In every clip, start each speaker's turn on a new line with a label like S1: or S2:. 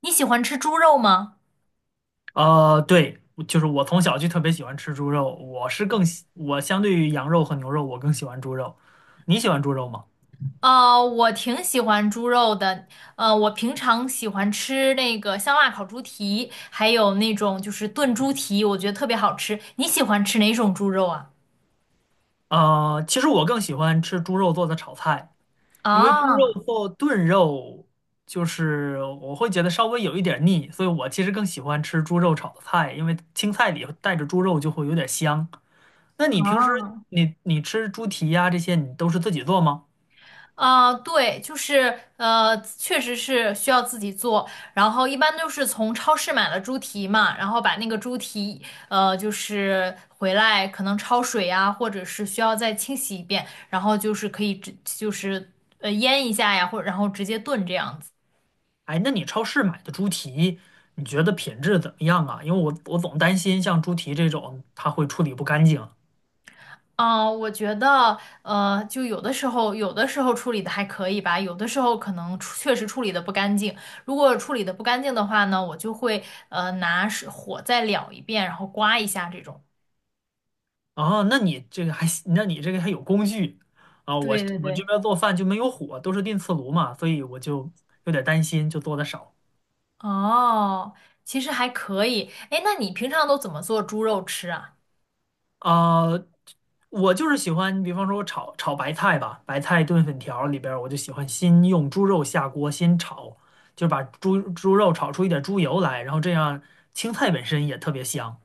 S1: 你喜欢吃猪肉吗？
S2: 对，就是我从小就特别喜欢吃猪肉，我是更喜，我相对于羊肉和牛肉，我更喜欢猪肉。你喜欢猪肉吗？
S1: 我挺喜欢猪肉的。我平常喜欢吃那个香辣烤猪蹄，还有那种就是炖猪蹄，我觉得特别好吃。你喜欢吃哪种猪肉啊？
S2: 其实我更喜欢吃猪肉做的炒菜，因为猪
S1: 啊
S2: 肉做炖肉，就是我会觉得稍微有一点儿腻，所以我其实更喜欢吃猪肉炒的菜，因为青菜里带着猪肉就会有点香。那你平时
S1: 啊，
S2: 你吃猪蹄呀、这些，你都是自己做吗？
S1: 啊，对，就是确实是需要自己做，然后一般都是从超市买了猪蹄嘛，然后把那个猪蹄就是回来可能焯水呀，或者是需要再清洗一遍，然后就是可以直就是呃腌一下呀，或然后直接炖这样子。
S2: 哎，那你超市买的猪蹄，你觉得品质怎么样啊？因为我总担心像猪蹄这种，它会处理不干净。
S1: 嗯，我觉得，就有的时候，有的时候处理的还可以吧，有的时候可能确实处理的不干净。如果处理的不干净的话呢，我就会拿火再燎一遍，然后刮一下这种。
S2: 啊。那你这个还行，那你这个还有工具啊？
S1: 对对
S2: 我这
S1: 对。
S2: 边做饭就没有火，都是电磁炉嘛，所以我就有点担心，就做的少。
S1: 哦，其实还可以。哎，那你平常都怎么做猪肉吃啊？
S2: 啊、我就是喜欢，比方说我炒炒白菜吧，白菜炖粉条里边儿我就喜欢先用猪肉下锅先炒，就把猪肉炒出一点猪油来，然后这样青菜本身也特别香。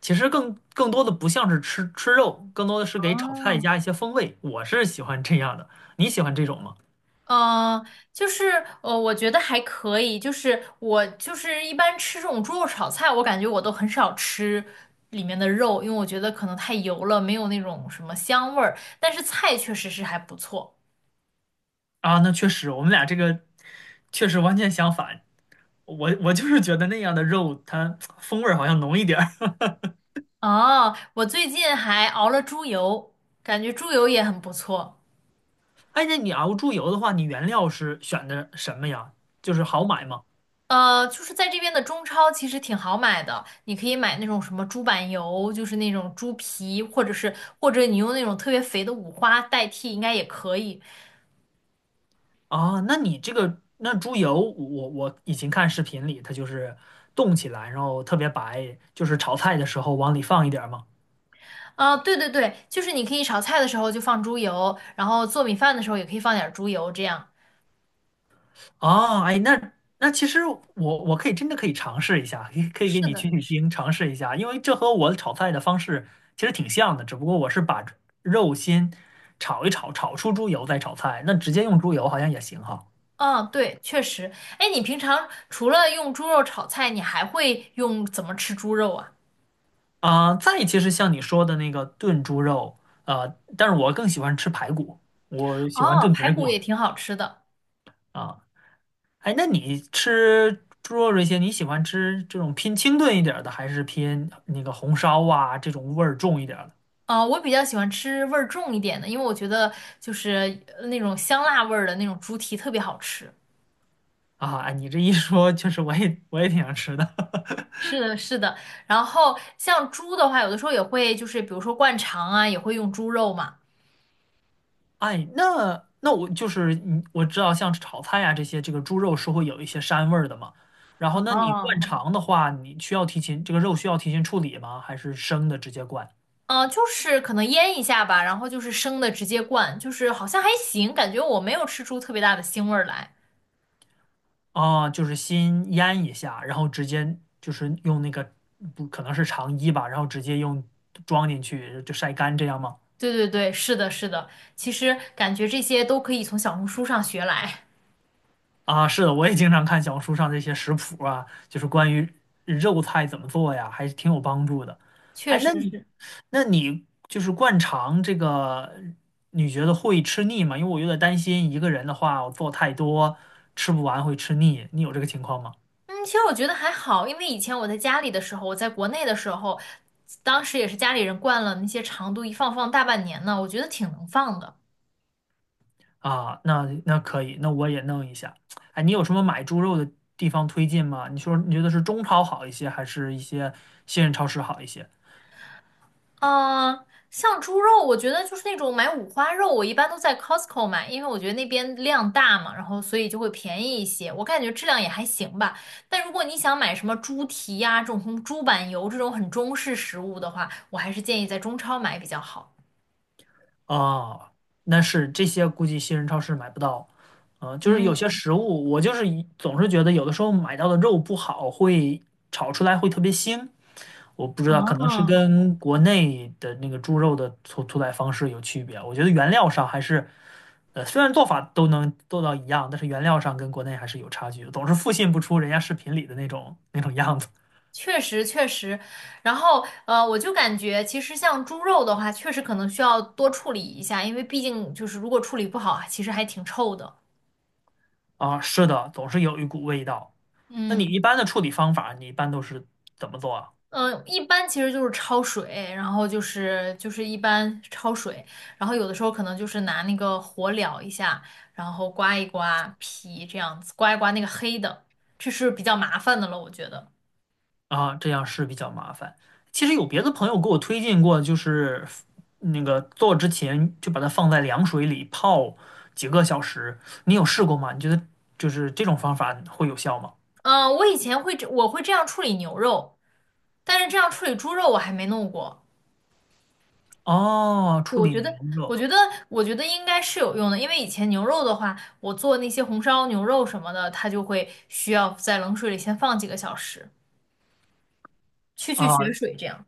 S2: 其实更多的不像是吃吃肉，更多的是给炒菜
S1: 哦，
S2: 加一些风味。我是喜欢这样的，你喜欢这种吗？
S1: 嗯，呃我觉得还可以。就是我就是一般吃这种猪肉炒菜，我感觉我都很少吃里面的肉，因为我觉得可能太油了，没有那种什么香味儿。但是菜确实是还不错。
S2: 啊，那确实，我们俩这个确实完全相反。我就是觉得那样的肉它风味儿好像浓一点儿。
S1: 哦，我最近还熬了猪油，感觉猪油也很不错。
S2: 哎，那你熬猪油的话，你原料是选的什么呀？就是好买吗？
S1: 就是在这边的中超其实挺好买的，你可以买那种什么猪板油，就是那种猪皮，或者你用那种特别肥的五花代替，应该也可以。
S2: 啊，那你这个那猪油，我以前看视频里，它就是冻起来，然后特别白，就是炒菜的时候往里放一点儿嘛。
S1: 啊，对，就是你可以炒菜的时候就放猪油，然后做米饭的时候也可以放点儿猪油，这样。
S2: 哦，哎，那其实我可以真的可以尝试一下，可以可以
S1: 是
S2: 给你
S1: 的，
S2: 取取
S1: 是，
S2: 经，尝试一下，因为这和我炒菜的方式其实挺像的，只不过我是把肉先炒一炒，炒出猪油再炒菜，那直接用猪油好像也行哈。
S1: 嗯，对，确实。哎，你平常除了用猪肉炒菜，你还会用怎么吃猪肉啊？
S2: 再其实像你说的那个炖猪肉，但是我更喜欢吃排骨，我喜欢
S1: 哦，
S2: 炖排
S1: 排
S2: 骨
S1: 骨也挺好吃的。
S2: 啊。哎，那你吃猪肉这些，你喜欢吃这种偏清炖一点儿的，还是偏那个红烧啊这种味儿重一点儿的？
S1: 啊，我比较喜欢吃味儿重一点的，因为我觉得那种香辣味儿的那种猪蹄特别好吃。
S2: 啊，哎你这一说，确实我也挺想吃的。
S1: 是的，是的。然后像猪的话，有的时候也会就是比如说灌肠啊，也会用猪肉嘛。
S2: 哎，那我就是你，我知道像炒菜呀这些，这个猪肉是会有一些膻味儿的嘛。然后，那你灌
S1: 哦
S2: 肠的话，你需要提前这个肉需要提前处理吗？还是生的直接灌？
S1: 就是可能腌一下吧，然后就是生的直接灌，就是好像还行，感觉我没有吃出特别大的腥味儿来。
S2: 啊，就是先腌一下，然后直接就是用那个不可能是肠衣吧，然后直接用装进去就晒干这样吗？
S1: 对，是的，是的，其实感觉这些都可以从小红书上学来，
S2: 啊，是的，我也经常看小红书上这些食谱啊，就是关于肉菜怎么做呀，还是挺有帮助的。
S1: 确
S2: 哎，
S1: 实
S2: 那你
S1: 是。
S2: 那你就是灌肠这个，你觉得会吃腻吗？因为我有点担心一个人的话，我做太多吃不完会吃腻。你有这个情况吗？
S1: 嗯，其实我觉得还好，因为以前我在家里的时候，我在国内的时候，当时也是家里人灌了那些长度，一放放大半年呢，我觉得挺能放的。
S2: 啊，那那可以，那我也弄一下。哎，你有什么买猪肉的地方推荐吗？你说你觉得是中超好一些，还是一些信任超市好一些？
S1: 呃，像猪肉，我觉得就是那种买五花肉，我一般都在 Costco 买，因为我觉得那边量大嘛，然后所以就会便宜一些。我感觉质量也还行吧。但如果你想买什么猪蹄呀、这种猪板油这种很中式食物的话，我还是建议在中超买比较好。
S2: 啊，那是这些估计新人超市买不到，啊，就是有些
S1: 嗯，
S2: 食物，我就是一总是觉得有的时候买到的肉不好，会炒出来会特别腥，我不知道，可能是
S1: 哦，
S2: 跟国内的那个猪肉的屠宰方式有区别。我觉得原料上还是，虽然做法都能做到一样，但是原料上跟国内还是有差距的总是复现不出人家视频里的那种样子
S1: 确实。然后我就感觉其实像猪肉的话，确实可能需要多处理一下，因为毕竟就是如果处理不好啊，其实还挺臭的。
S2: 啊。是的，总是有一股味道。那你
S1: 嗯。
S2: 一般的处理方法，你一般都是怎么做啊？
S1: 嗯，一般其实就是焯水，然后一般焯水，然后有的时候可能就是拿那个火燎一下，然后刮一刮皮这样子，刮一刮那个黑的，这是比较麻烦的了，我觉得。
S2: 啊，这样是比较麻烦。其实有别的朋友给我推荐过，就是那个做之前就把它放在凉水里泡几个小时。你有试过吗？你觉得就是这种方法会有效吗？
S1: 嗯，我以前会这样处理牛肉，但是这样处理猪肉我还没弄过。
S2: 哦，处
S1: 我
S2: 理
S1: 觉
S2: 牛
S1: 得，我
S2: 肉
S1: 觉得，我觉得应该是有用的，因为以前牛肉的话，我做那些红烧牛肉什么的，它就会需要在冷水里先放几个小时，去
S2: 啊，
S1: 血水这样。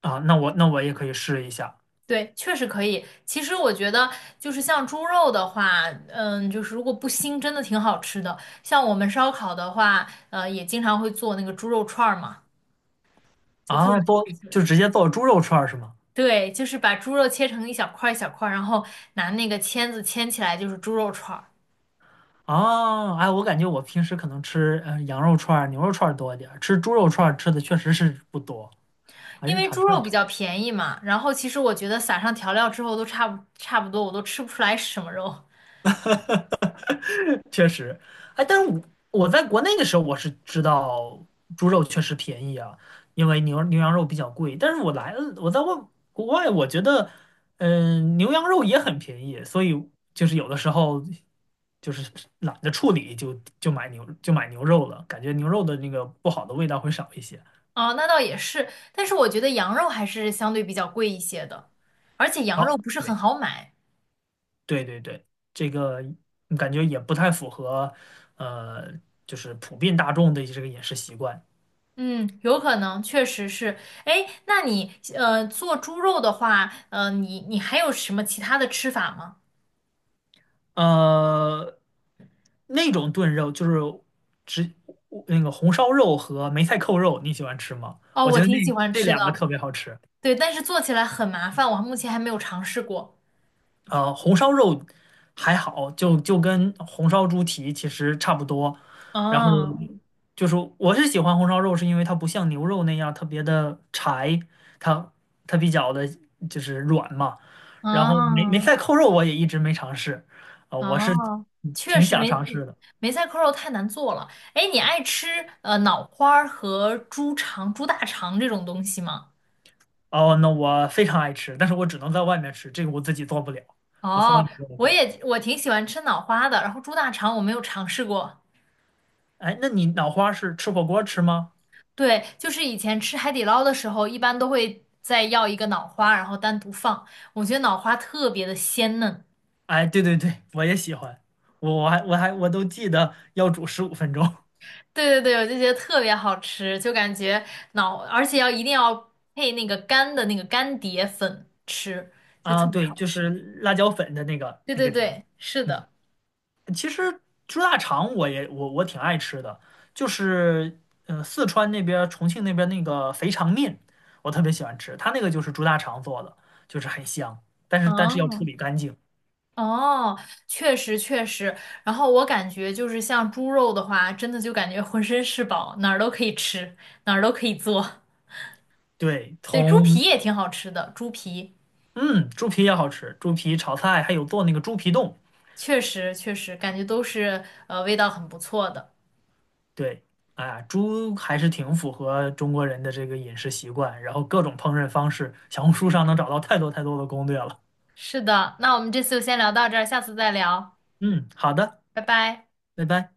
S2: 啊，那我也可以试一下
S1: 对，确实可以。其实我觉得，就是像猪肉的话，嗯，就是如果不腥，真的挺好吃的。像我们烧烤的话，也经常会做那个猪肉串儿嘛，就特别
S2: 啊，
S1: 好
S2: 多
S1: 吃。
S2: 就直接做猪肉串儿是吗？
S1: 对，就是把猪肉切成一小块儿一小块儿，然后拿那个签子签起来，就是猪肉串儿。
S2: 啊，哎，我感觉我平时可能吃羊肉串儿、牛肉串儿多一点儿，吃猪肉串儿吃的确实是不多，还
S1: 因
S2: 是
S1: 为
S2: 炒
S1: 猪
S2: 菜
S1: 肉比
S2: 吃。
S1: 较便宜嘛，然后其实我觉得撒上调料之后都差不多，我都吃不出来是什么肉。
S2: 确实，哎，但是我在国内的时候，我是知道猪肉确实便宜啊，因为牛羊肉比较贵。但是我来了，我在外国外，我觉得，嗯、牛羊肉也很便宜，所以就是有的时候就是懒得处理就，就买牛肉了，感觉牛肉的那个不好的味道会少一些。
S1: 哦，那倒也是，但是我觉得羊肉还是相对比较贵一些的，而且羊肉
S2: 哦，
S1: 不是很
S2: 对
S1: 好买。
S2: 对对对，这个感觉也不太符合，呃，就是普遍大众的这个饮食习惯。
S1: 嗯，有可能，确实是。哎，那你做猪肉的话，你还有什么其他的吃法吗？
S2: 呃，那种炖肉就是只那个红烧肉和梅菜扣肉，你喜欢吃吗？
S1: 哦，
S2: 我
S1: 我
S2: 觉得那
S1: 挺喜欢
S2: 这
S1: 吃
S2: 两个
S1: 的，
S2: 特别好吃。
S1: 对，但是做起来很麻烦，我目前还没有尝试过。
S2: 呃，红烧肉还好，就跟红烧猪蹄其实差不多。然后
S1: 哦，
S2: 就是我是喜欢红烧肉，是因为它不像牛肉那样特别的柴，它它比较的就是软嘛。然后梅梅
S1: 哦，
S2: 菜扣肉我也一直没尝试，我是
S1: 哦，确
S2: 挺
S1: 实
S2: 想
S1: 梅
S2: 尝试的。
S1: 梅菜扣肉太难做了。哎，你爱吃脑花儿和猪肠、猪大肠这种东西吗？
S2: 哦，那我非常爱吃，但是我只能在外面吃，这个我自己做不了，我从来
S1: 哦，
S2: 没做
S1: 我
S2: 过。
S1: 也我挺喜欢吃脑花的，然后猪大肠我没有尝试过。
S2: 哎，那你脑花是吃火锅吃吗？
S1: 对，就是以前吃海底捞的时候，一般都会再要一个脑花，然后单独放。我觉得脑花特别的鲜嫩，
S2: 哎，对对对，我也喜欢，我都记得要煮15分钟
S1: 对，我就觉得特别好吃，就感觉脑，而且一定要配那个干的那个干碟粉吃，就
S2: 啊。
S1: 特别
S2: 对，
S1: 好
S2: 就
S1: 吃。
S2: 是辣椒粉的那个
S1: 对
S2: 那
S1: 对
S2: 个底。
S1: 对，是
S2: 嗯，
S1: 的。
S2: 其实猪大肠我也我我挺爱吃的，就是嗯四川那边儿重庆那边儿那个肥肠面，我特别喜欢吃，它那个就是猪大肠做的，就是很香，但是要处
S1: 哦
S2: 理干净。
S1: 哦，确实。然后我感觉就是像猪肉的话，真的就感觉浑身是宝，哪儿都可以吃，哪儿都可以做。
S2: 对，
S1: 对，猪
S2: 从
S1: 皮也挺好吃的，猪皮。
S2: 嗯，猪皮也好吃，猪皮炒菜还有做那个猪皮冻。
S1: 确实，感觉都是味道很不错的。
S2: 对，哎呀，猪还是挺符合中国人的这个饮食习惯，然后各种烹饪方式，小红书上能找到太多太多的攻略了。
S1: 是的，那我们这次就先聊到这儿，下次再聊，
S2: 嗯，好的，
S1: 拜拜。
S2: 拜拜。